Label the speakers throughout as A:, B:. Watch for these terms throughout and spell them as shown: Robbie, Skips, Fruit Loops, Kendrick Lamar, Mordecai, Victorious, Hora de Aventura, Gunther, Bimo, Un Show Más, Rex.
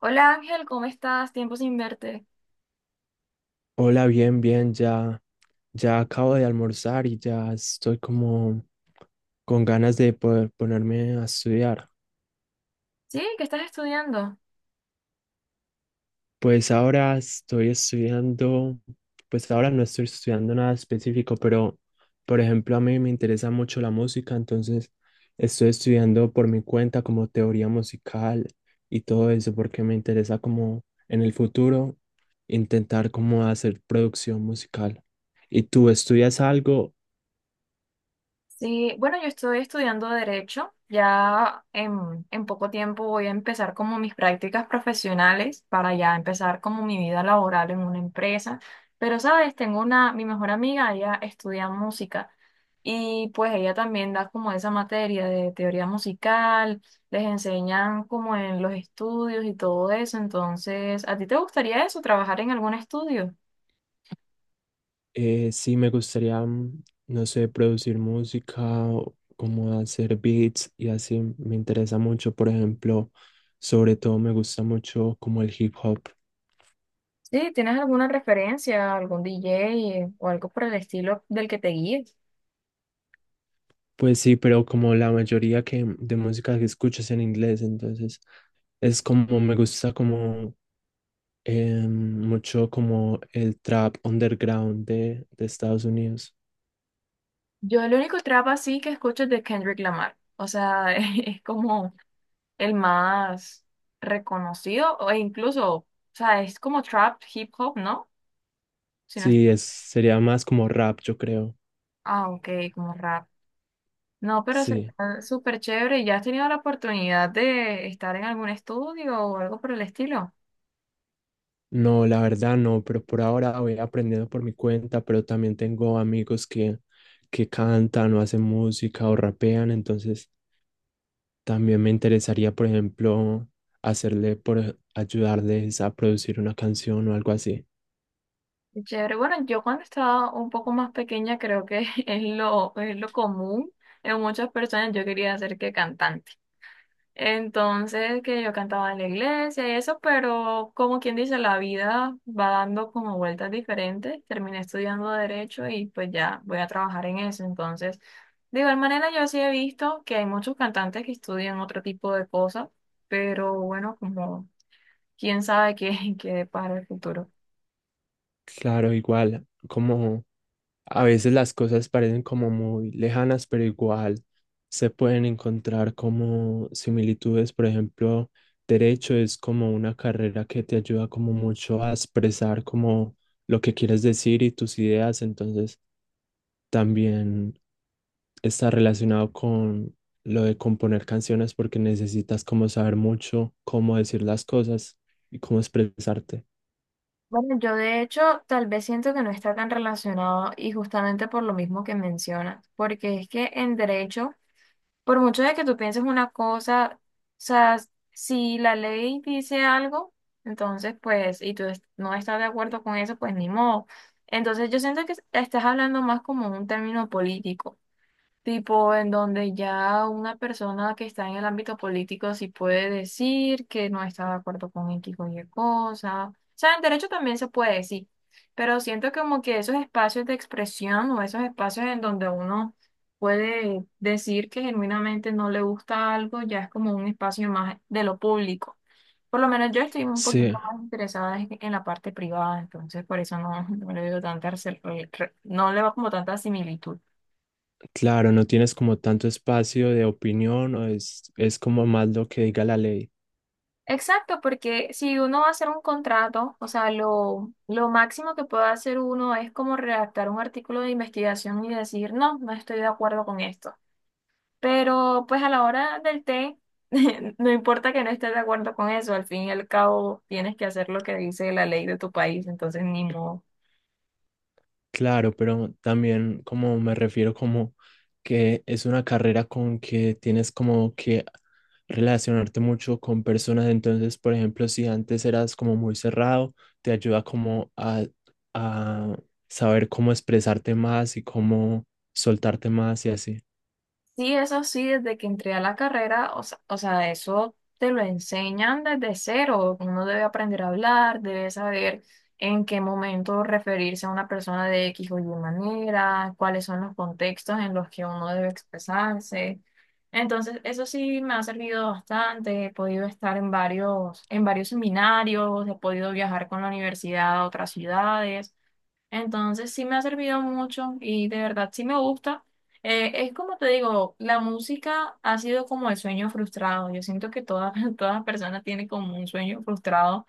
A: Hola Ángel, ¿cómo estás? Tiempo sin verte.
B: Hola, bien, bien, ya, ya acabo de almorzar y ya estoy como con ganas de poder ponerme a estudiar.
A: Sí, ¿qué estás estudiando?
B: Pues ahora estoy estudiando, pues ahora no estoy estudiando nada específico, pero por ejemplo a mí me interesa mucho la música, entonces estoy estudiando por mi cuenta como teoría musical y todo eso porque me interesa como en el futuro intentar como hacer producción musical. ¿Y tú estudias algo?
A: Sí, bueno, yo estoy estudiando Derecho. Ya en poco tiempo voy a empezar como mis prácticas profesionales para ya empezar como mi vida laboral en una empresa. Pero, ¿sabes? Tengo una, mi mejor amiga, ella estudia música y pues ella también da como esa materia de teoría musical, les enseñan como en los estudios y todo eso. Entonces, ¿a ti te gustaría eso, trabajar en algún estudio?
B: Sí, me gustaría, no sé, producir música, o como hacer beats y así. Me interesa mucho, por ejemplo, sobre todo me gusta mucho como el hip hop.
A: Sí, ¿tienes alguna referencia, algún DJ o algo por el estilo del que te guíes?
B: Pues sí, pero como la mayoría de música que escucho es en inglés, entonces es como me gusta como mucho como el trap underground de Estados Unidos.
A: Yo el único trap así que escucho es de Kendrick Lamar. O sea, es como el más reconocido e incluso, o sea, es como trap, hip hop, ¿no? Si no es-
B: Sí, es, sería más como rap, yo creo.
A: ah, ok, como rap. No, pero es
B: Sí.
A: súper chévere. ¿Y ¿Ya has tenido la oportunidad de estar en algún estudio o algo por el estilo?
B: No, la verdad no, pero por ahora voy aprendiendo por mi cuenta, pero también tengo amigos que cantan o hacen música o rapean, entonces también me interesaría, por ejemplo, hacerle por ayudarles a producir una canción o algo así.
A: Chévere. Bueno, yo cuando estaba un poco más pequeña creo que es lo común en muchas personas. Yo quería ser que cantante. Entonces, que yo cantaba en la iglesia y eso, pero como quien dice, la vida va dando como vueltas diferentes. Terminé estudiando derecho y pues ya voy a trabajar en eso. Entonces, de igual manera yo sí he visto que hay muchos cantantes que estudian otro tipo de cosas, pero bueno, como quién sabe qué, qué depara el futuro.
B: Claro, igual, como a veces las cosas parecen como muy lejanas, pero igual se pueden encontrar como similitudes. Por ejemplo, derecho es como una carrera que te ayuda como mucho a expresar como lo que quieres decir y tus ideas. Entonces, también está relacionado con lo de componer canciones porque necesitas como saber mucho cómo decir las cosas y cómo expresarte.
A: Bueno, yo de hecho tal vez siento que no está tan relacionado y justamente por lo mismo que mencionas, porque es que en derecho, por mucho de que tú pienses una cosa, o sea, si la ley dice algo, entonces pues, y no estás de acuerdo con eso, pues ni modo. Entonces yo siento que estás hablando más como un término político. Tipo, en donde ya una persona que está en el ámbito político sí puede decir que no está de acuerdo con X o Y cosa. O sea, en derecho también se puede decir, pero siento como que esos espacios de expresión o esos espacios en donde uno puede decir que genuinamente no le gusta algo, ya es como un espacio más de lo público. Por lo menos yo estoy un
B: Sí.
A: poquito más interesada en la parte privada, entonces por eso no, no le veo tanta, no le va como tanta similitud.
B: Claro, no tienes como tanto espacio de opinión o es como más lo que diga la ley.
A: Exacto, porque si uno va a hacer un contrato, o sea, lo máximo que puede hacer uno es como redactar un artículo de investigación y decir, no, no estoy de acuerdo con esto. Pero pues a la hora del té, no importa que no estés de acuerdo con eso, al fin y al cabo tienes que hacer lo que dice la ley de tu país, entonces ni modo.
B: Claro, pero también como me refiero como que es una carrera con que tienes como que relacionarte mucho con personas. Entonces, por ejemplo, si antes eras como muy cerrado, te ayuda como a saber cómo expresarte más y cómo soltarte más y así.
A: Sí, eso sí, desde que entré a la carrera, o sea, eso te lo enseñan desde cero. Uno debe aprender a hablar, debe saber en qué momento referirse a una persona de X o Y manera, cuáles son los contextos en los que uno debe expresarse. Entonces, eso sí me ha servido bastante. He podido estar en varios seminarios, he podido viajar con la universidad a otras ciudades. Entonces sí me ha servido mucho y de verdad sí me gusta. Es como te digo, la música ha sido como el sueño frustrado. Yo siento que toda, toda persona tiene como un sueño frustrado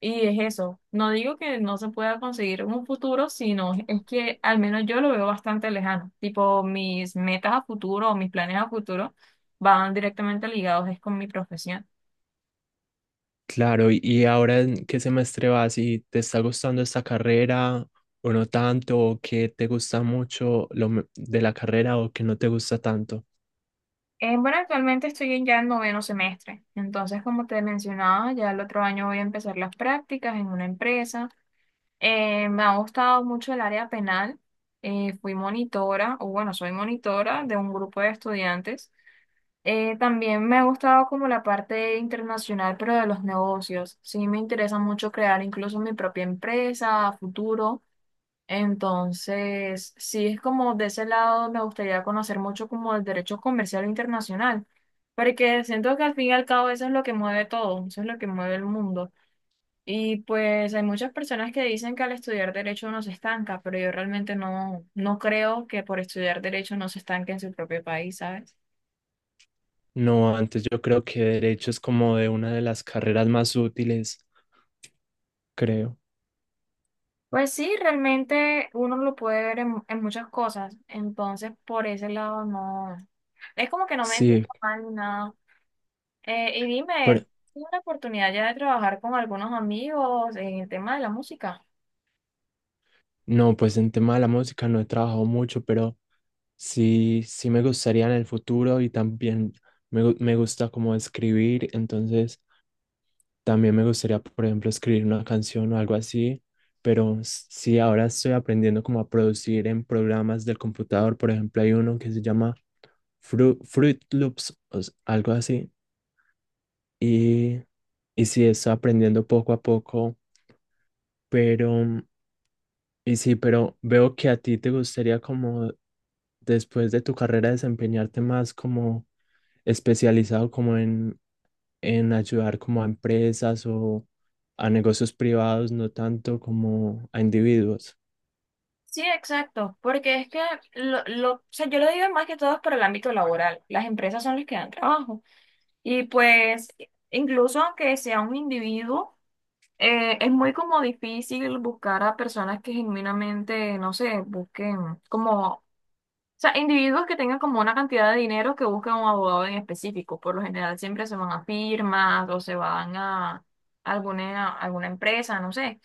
A: y es eso. No digo que no se pueda conseguir un futuro, sino es que al menos yo lo veo bastante lejano. Tipo, mis metas a futuro o mis planes a futuro van directamente ligados es con mi profesión.
B: Claro, y ahora ¿en qué semestre vas? ¿Y te está gustando esta carrera o no tanto? ¿O qué te gusta mucho de la carrera o qué no te gusta tanto?
A: Bueno, actualmente estoy en ya en noveno semestre, entonces como te mencionaba, ya el otro año voy a empezar las prácticas en una empresa. Me ha gustado mucho el área penal. Fui monitora, o bueno, soy monitora de un grupo de estudiantes. También me ha gustado como la parte internacional, pero de los negocios. Sí, me interesa mucho crear incluso mi propia empresa a futuro. Entonces, sí, es como de ese lado me gustaría conocer mucho como el derecho comercial internacional, porque siento que al fin y al cabo eso es lo que mueve todo, eso es lo que mueve el mundo. Y pues hay muchas personas que dicen que al estudiar derecho uno se estanca, pero yo realmente no, no creo que por estudiar derecho no se estanque en su propio país, ¿sabes?
B: No, antes yo creo que derecho es como de una de las carreras más útiles, creo.
A: Pues sí, realmente uno lo puede ver en muchas cosas, entonces por ese lado no, es como que no me siento
B: Sí,
A: mal ni nada. Y dime,
B: pero
A: ¿tuve la oportunidad ya de trabajar con algunos amigos en el tema de la música?
B: no, pues en tema de la música no he trabajado mucho, pero sí, sí me gustaría en el futuro y también me gusta como escribir, entonces también me gustaría, por ejemplo, escribir una canción o algo así, pero sí, ahora estoy aprendiendo como a producir en programas del computador. Por ejemplo, hay uno que se llama Fruit Loops o algo así. Y, y sí, estoy aprendiendo poco a poco, pero, y sí, pero veo que a ti te gustaría como después de tu carrera desempeñarte más como especializado como en ayudar como a empresas o a negocios privados, no tanto como a individuos.
A: Sí, exacto, porque es que o sea, yo lo digo más que todo es por el ámbito laboral. Las empresas son las que dan trabajo. Y pues, incluso aunque sea un individuo, es muy como difícil buscar a personas que genuinamente, no sé, busquen como sea, individuos que tengan como una cantidad de dinero que busquen un abogado en específico. Por lo general siempre se van a firmas o se van a alguna empresa, no sé.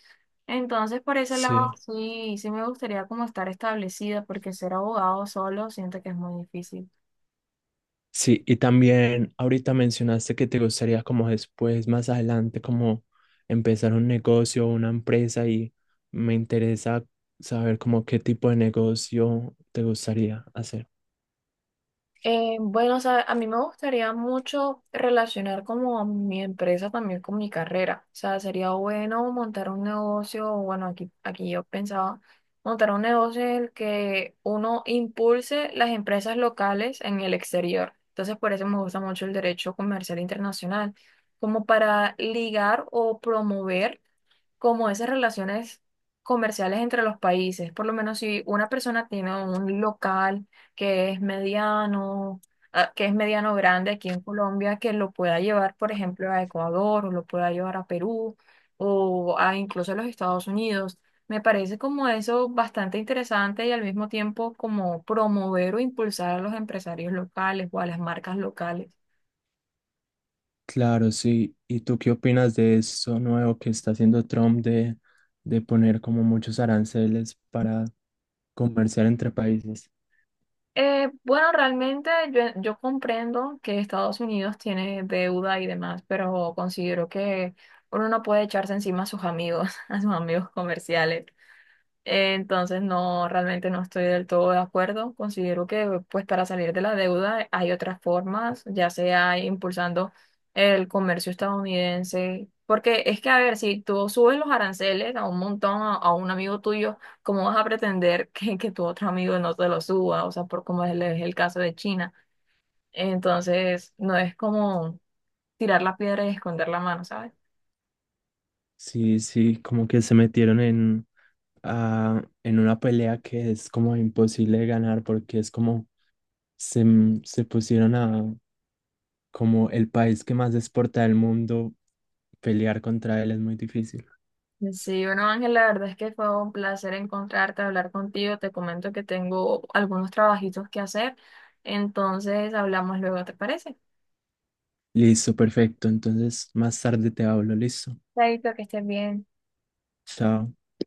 A: Entonces, por ese lado,
B: Sí,
A: sí me gustaría como estar establecida, porque ser abogado solo siento que es muy difícil.
B: sí, y también ahorita mencionaste que te gustaría como después, más adelante, como empezar un negocio o una empresa y me interesa saber como qué tipo de negocio te gustaría hacer.
A: Bueno, o sea, a mí me gustaría mucho relacionar como a mi empresa también con mi carrera. O sea, sería bueno montar un negocio, o bueno, aquí yo pensaba montar un negocio en el que uno impulse las empresas locales en el exterior. Entonces, por eso me gusta mucho el derecho comercial internacional, como para ligar o promover como esas relaciones comerciales entre los países. Por lo menos si una persona tiene un local que es mediano, ah, que es mediano grande aquí en Colombia, que lo pueda llevar, por ejemplo, a Ecuador o lo pueda llevar a Perú o a incluso a los Estados Unidos. Me parece como eso bastante interesante y al mismo tiempo como promover o impulsar a los empresarios locales o a las marcas locales.
B: Claro, sí. ¿Y tú qué opinas de eso nuevo que está haciendo Trump de poner como muchos aranceles para comerciar entre países?
A: Bueno, realmente yo comprendo que Estados Unidos tiene deuda y demás, pero considero que uno no puede echarse encima a sus amigos, a sus amigos comerciales. Entonces, no, realmente no estoy del todo de acuerdo. Considero que pues para salir de la deuda hay otras formas, ya sea impulsando el comercio estadounidense. Porque es que, a ver, si tú subes los aranceles a un montón, a un amigo tuyo, ¿cómo vas a pretender que tu otro amigo no te lo suba? O sea, por como es es el caso de China. Entonces, no es como tirar la piedra y esconder la mano, ¿sabes?
B: Sí, sí, como que se metieron en, ah, en una pelea que es como imposible de ganar porque es como se, se pusieron a como el país que más exporta del mundo, pelear contra él es muy difícil.
A: Sí, bueno, Ángel, la verdad es que fue un placer encontrarte, hablar contigo. Te comento que tengo algunos trabajitos que hacer, entonces hablamos luego, ¿te parece?
B: Listo, perfecto. Entonces, más tarde te hablo, listo.
A: Chaito, que estés bien.
B: Chao.